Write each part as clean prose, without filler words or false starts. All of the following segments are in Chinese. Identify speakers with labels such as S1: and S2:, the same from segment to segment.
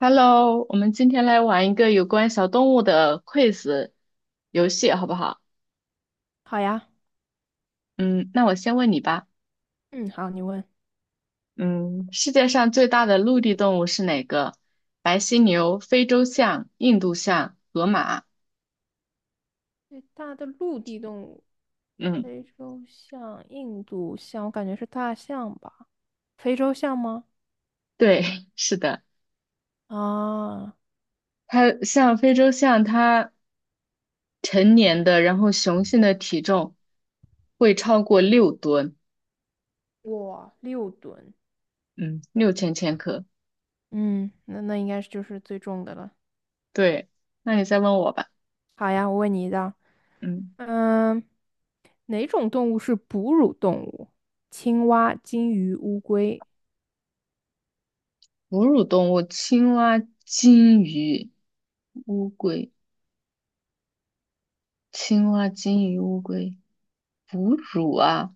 S1: Hello，我们今天来玩一个有关小动物的 quiz 游戏，好不好？
S2: 好呀，
S1: 嗯，那我先问你吧。
S2: 嗯，好，你问。
S1: 嗯，世界上最大的陆地动物是哪个？白犀牛、非洲象、印度象、河马。
S2: 最大的陆地动物，
S1: 嗯，
S2: 非洲象、印度象，我感觉是大象吧？非洲象吗？
S1: 对，是的。
S2: 啊，
S1: 它像非洲象，它成年的，然后雄性的体重会超过6吨，
S2: 哇，6吨，
S1: 嗯，6000千克。
S2: 嗯，那应该是就是最重的了。
S1: 对，那你再问我吧。
S2: 好呀，我问你一道，
S1: 嗯，
S2: 嗯，哪种动物是哺乳动物？青蛙、金鱼、乌龟。
S1: 哺乳动物，青蛙、金鱼。乌龟，青蛙、金鱼、乌龟，哺乳啊，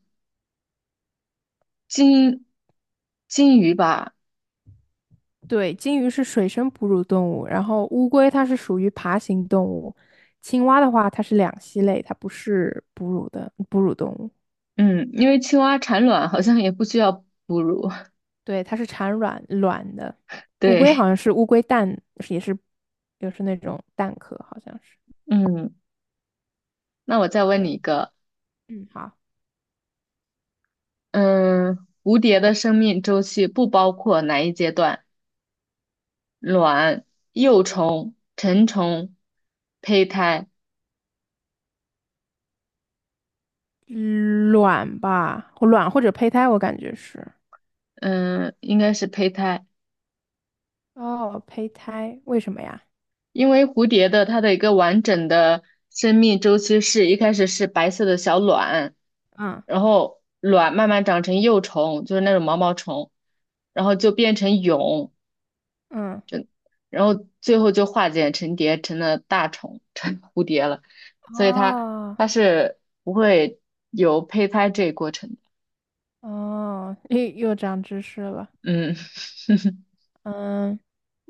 S1: 金金鱼吧，
S2: 对，鲸鱼是水生哺乳动物，然后乌龟它是属于爬行动物，青蛙的话它是两栖类，它不是哺乳动物，
S1: 嗯，因为青蛙产卵好像也不需要哺乳，
S2: 对，它是产卵的。乌龟好
S1: 对，
S2: 像是乌龟蛋，也是也是那种蛋壳，好像是。
S1: 嗯，那我再问你
S2: 对，
S1: 一个，
S2: 嗯，好，
S1: 嗯，蝴蝶的生命周期不包括哪一阶段？卵、幼虫、成虫、胚胎，
S2: 卵吧，卵或者胚胎，我感觉是。
S1: 嗯，应该是胚胎。
S2: 哦，胚胎，为什么呀？
S1: 因为蝴蝶的它的一个完整的生命周期是一开始是白色的小卵，
S2: 嗯
S1: 然后卵慢慢长成幼虫，就是那种毛毛虫，然后就变成蛹，
S2: 嗯，
S1: 然后最后就化茧成蝶，成了大虫，成蝴蝶了。所以它
S2: 哦
S1: 它是不会有胚胎这一过程的。
S2: 哦，又长知识了。
S1: 嗯，
S2: 嗯。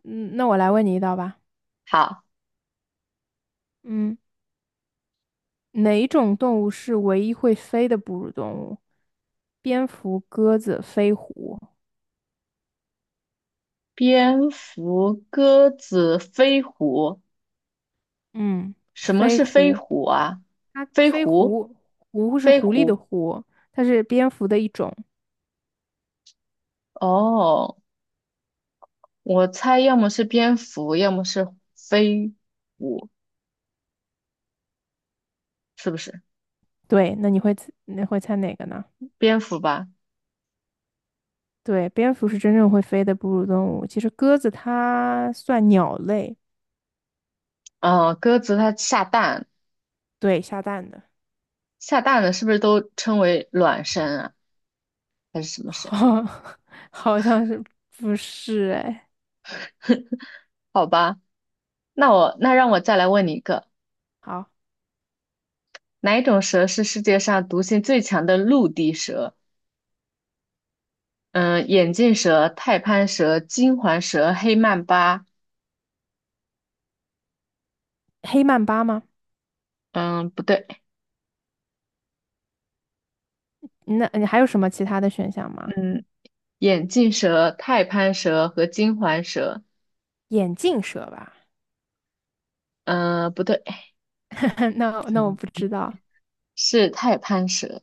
S2: 嗯，那我来问你一道吧。
S1: 好，
S2: 嗯，哪种动物是唯一会飞的哺乳动物？蝙蝠、鸽子、飞狐。
S1: 蝙蝠、鸽子、飞虎。
S2: 嗯，
S1: 什么
S2: 飞
S1: 是飞
S2: 狐，
S1: 虎啊？
S2: 它
S1: 飞
S2: 飞
S1: 狐，
S2: 狐，狐是
S1: 飞
S2: 狐狸的
S1: 狐。
S2: 狐，它是蝙蝠的一种。
S1: 哦，我猜要么是蝙蝠，要么是飞虎，是不是？
S2: 对，那你会猜哪个呢？
S1: 蝙蝠吧。
S2: 对，蝙蝠是真正会飞的哺乳动物。其实鸽子它算鸟类，
S1: 嗯、鸽子它下蛋，
S2: 对，下蛋的，
S1: 下蛋的是不是都称为卵生啊？还是什 么生？
S2: 好，好像是不是？哎，
S1: 好吧，那我让我再来问你一个，
S2: 好，
S1: 哪一种蛇是世界上毒性最强的陆地蛇？嗯，眼镜蛇、太攀蛇、金环蛇、黑曼巴。
S2: 黑曼巴吗？
S1: 嗯，不对。
S2: 那你还有什么其他的选项吗？
S1: 嗯，眼镜蛇、太攀蛇和金环蛇。
S2: 眼镜蛇吧？
S1: 不对，
S2: 那我不知道
S1: 是太攀蛇。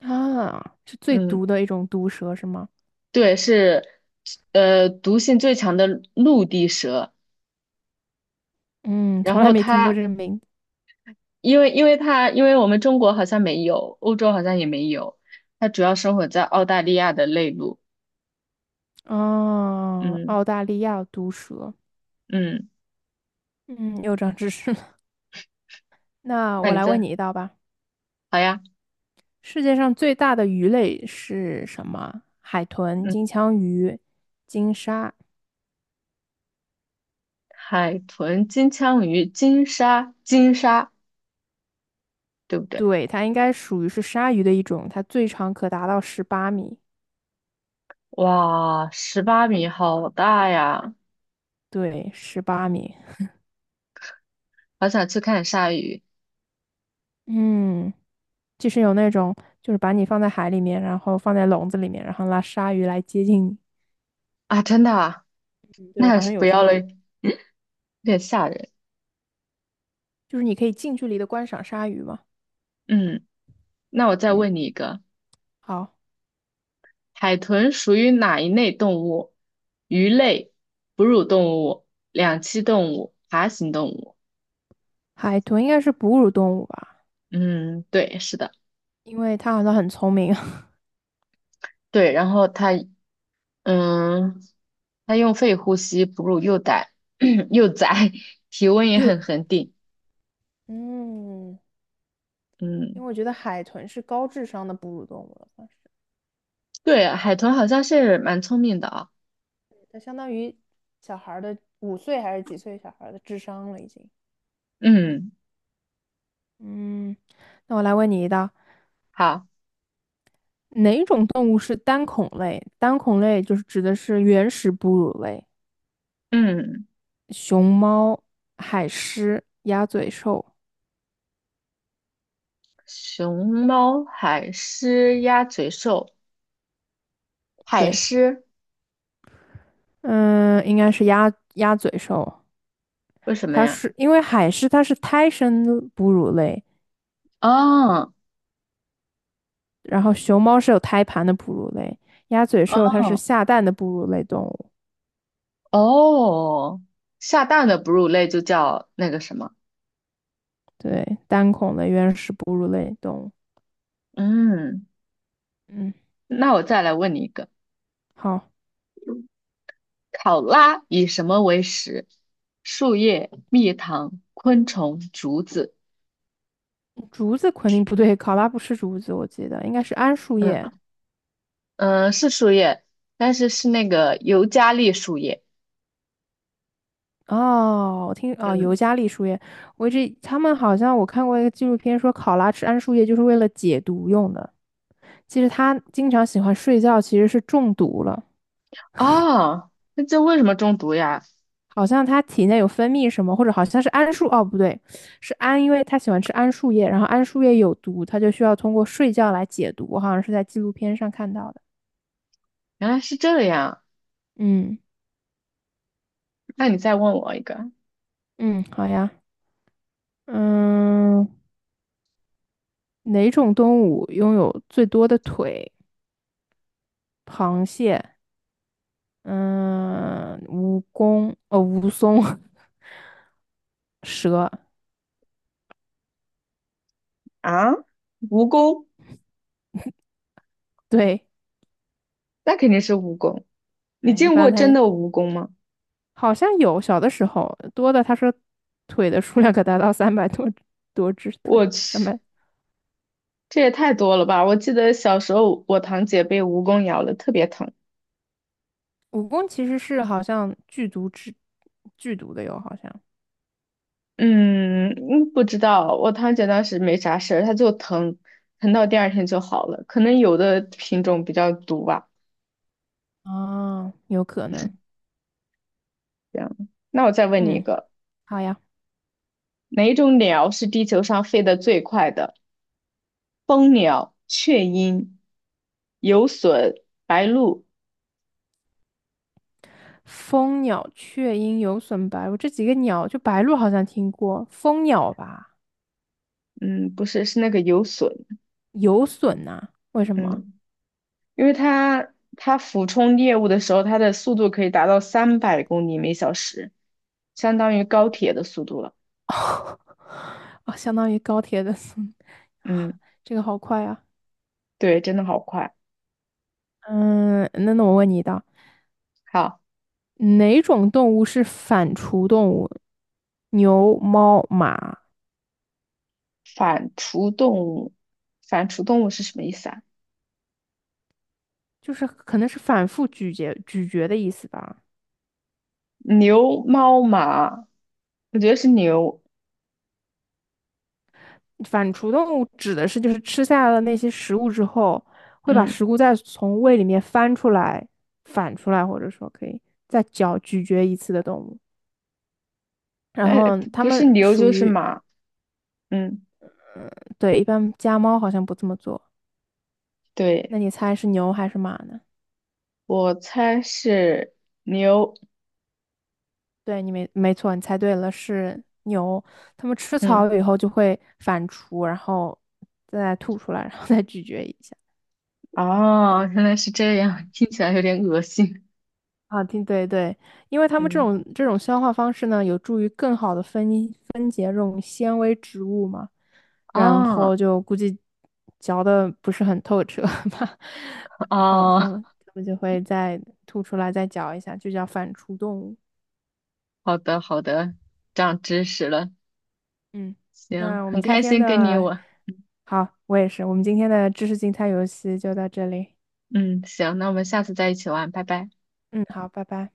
S2: 啊，是最
S1: 嗯，
S2: 毒的一种毒蛇是吗？
S1: 对，是毒性最强的陆地蛇。
S2: 嗯，
S1: 然
S2: 从来
S1: 后
S2: 没听过
S1: 它，
S2: 这个名字。
S1: 因为它，因为我们中国好像没有，欧洲好像也没有，它主要生活在澳大利亚的内陆。
S2: 哦，
S1: 嗯
S2: 澳大利亚毒蛇。
S1: 嗯，
S2: 嗯，又长知识了。那
S1: 那
S2: 我
S1: 你
S2: 来问
S1: 这
S2: 你一道吧。
S1: 好呀。
S2: 世界上最大的鱼类是什么？海豚、
S1: 嗯，
S2: 金枪鱼、金鲨。
S1: 海豚、金枪鱼、金鲨，对不对？
S2: 对，它应该属于是鲨鱼的一种，它最长可达到十八米。
S1: 哇，18米，好大呀！
S2: 对，十八米。
S1: 好想去看鲨鱼。
S2: 嗯，就是有那种就是把你放在海里面，然后放在笼子里面，然后拉鲨鱼来接近你。
S1: 啊，真的啊，那
S2: 对，
S1: 还
S2: 好
S1: 是
S2: 像
S1: 不
S2: 有这
S1: 要了，
S2: 种，
S1: 有点吓人。
S2: 就是你可以近距离的观赏鲨鱼嘛。
S1: 嗯，那我再
S2: 嗯，
S1: 问你一个，
S2: 好，
S1: 海豚属于哪一类动物？鱼类、哺乳动物、两栖动物、爬行动物。
S2: 海豚应该是哺乳动物吧，
S1: 嗯，对，是的，
S2: 因为它好像很聪明，
S1: 对。然后嗯，它用肺呼吸，哺乳幼崽，幼崽，体温 也
S2: 又
S1: 很恒定。
S2: 嗯，因
S1: 嗯，
S2: 为我觉得海豚是高智商的哺乳动物了，算是
S1: 对，海豚好像是蛮聪明的啊。
S2: 它相当于小孩儿的5岁还是几岁小孩儿的智商了已经。
S1: 嗯，
S2: 嗯，那我来问你一道，
S1: 好，
S2: 哪种动物是单孔类？单孔类就是指的是原始哺乳类。
S1: 嗯，
S2: 熊猫、海狮、鸭嘴兽，
S1: 熊猫、海狮、鸭嘴兽。海
S2: 对，
S1: 狮，
S2: 嗯，应该是鸭嘴兽。
S1: 为什么
S2: 它
S1: 呀？
S2: 是因为海狮它是胎生的哺乳类，
S1: 哦
S2: 然后熊猫是有胎盘的哺乳类，鸭嘴兽它是
S1: 哦，
S2: 下蛋的哺乳类动物，
S1: 哦，下蛋的哺乳类就叫那个什么？
S2: 对，单孔的原始哺乳类动物。
S1: 嗯，
S2: 嗯，
S1: 那我再来问你一个，
S2: 好，
S1: 考拉以什么为食？树叶、蜜糖、昆虫、竹子。
S2: 竹子肯定不对，考拉不吃竹子，我记得应该是桉树
S1: 嗯
S2: 叶。
S1: 嗯，是树叶，但是是那个尤加利树叶。
S2: 哦，哦，
S1: 嗯，
S2: 尤加利树叶，我一直他们好像我看过一个纪录片说，考拉吃桉树叶就是为了解毒用的。其实它经常喜欢睡觉，其实是中毒了，
S1: 哦，那这为什么中毒呀？
S2: 好像它体内有分泌什么，或者好像是桉树，哦，不对，是桉，因为它喜欢吃桉树叶，然后桉树叶有毒，它就需要通过睡觉来解毒。我好像是在纪录片上看到的。
S1: 原来是这样。
S2: 嗯
S1: 那你再问我一个
S2: 嗯，好呀，嗯，哪种动物拥有最多的腿？螃蟹。嗯，蜈蚣，蜈蚣，蛇，
S1: 啊？蜈蚣，
S2: 对，
S1: 那肯定是蜈蚣。你
S2: 哎，一
S1: 见过
S2: 般
S1: 真
S2: 它
S1: 的蜈蚣吗？
S2: 好像有，小的时候多的，它说腿的数量可达到三百多只腿，
S1: 我
S2: 三
S1: 去，
S2: 百。
S1: 这也太多了吧！我记得小时候我堂姐被蜈蚣咬了，特别疼。
S2: 蜈蚣其实是好像剧毒的哟，好像
S1: 嗯，嗯不知道，我堂姐当时没啥事儿，她就疼，疼到第二天就好了。可能有的品种比较毒吧。
S2: 啊，有可能，
S1: 这样，那我再问你一
S2: 嗯，
S1: 个，
S2: 好呀。
S1: 哪一种鸟是地球上飞得最快的？蜂鸟、雀鹰、游隼、白鹭？
S2: 蜂鸟、雀鹰、有隼、白鹭这几个鸟，就白鹭好像听过，蜂鸟吧？
S1: 嗯，不是，是那个游隼。
S2: 有隼呐、为什么？
S1: 嗯。因为它俯冲猎物的时候，它的速度可以达到300公里每小时，相当于高铁的速度了。
S2: 啊，相当于高铁的速度。
S1: 嗯，
S2: 这个好快啊！
S1: 对，真的好快。
S2: 嗯，那我问你一道，
S1: 好，
S2: 哪种动物是反刍动物？牛、猫、马，
S1: 反刍动物，反刍动物是什么意思啊？
S2: 就是可能是反复咀嚼、咀嚼的意思吧。
S1: 牛、猫、马，我觉得是牛。
S2: 反刍动物指的是就是吃下了那些食物之后，会把
S1: 嗯，
S2: 食物再从胃里面翻出来、反出来，或者说可以咀嚼一次的动物。然
S1: 哎，
S2: 后
S1: 不
S2: 它
S1: 不是
S2: 们
S1: 牛
S2: 属
S1: 就是
S2: 于，
S1: 马。嗯，
S2: 对，一般家猫好像不这么做。
S1: 对，
S2: 那你猜是牛还是马呢？
S1: 我猜是牛。
S2: 对，你没错，你猜对了，是牛。它们吃草
S1: 嗯，
S2: 以后就会反刍，然后再吐出来，然后再咀嚼一下。
S1: 哦，原来是这样，听起来有点恶心。
S2: 啊，对对对，因为它们
S1: 嗯，
S2: 这种消化方式呢，有助于更好的分解这种纤维植物嘛，然
S1: 啊
S2: 后就估计嚼的不是很透彻吧，然后
S1: 啊。哦
S2: 它们就会再吐出来，再嚼一下，就叫反刍动物。
S1: 好的，好的，长知识了。
S2: 嗯，
S1: 行，
S2: 那我们
S1: 很
S2: 今
S1: 开
S2: 天
S1: 心跟你
S2: 的。
S1: 我，
S2: 好，我也是。我们今天的知识竞猜游戏就到这里。
S1: 嗯，行，那我们下次再一起玩，拜拜。
S2: 嗯，好，拜拜。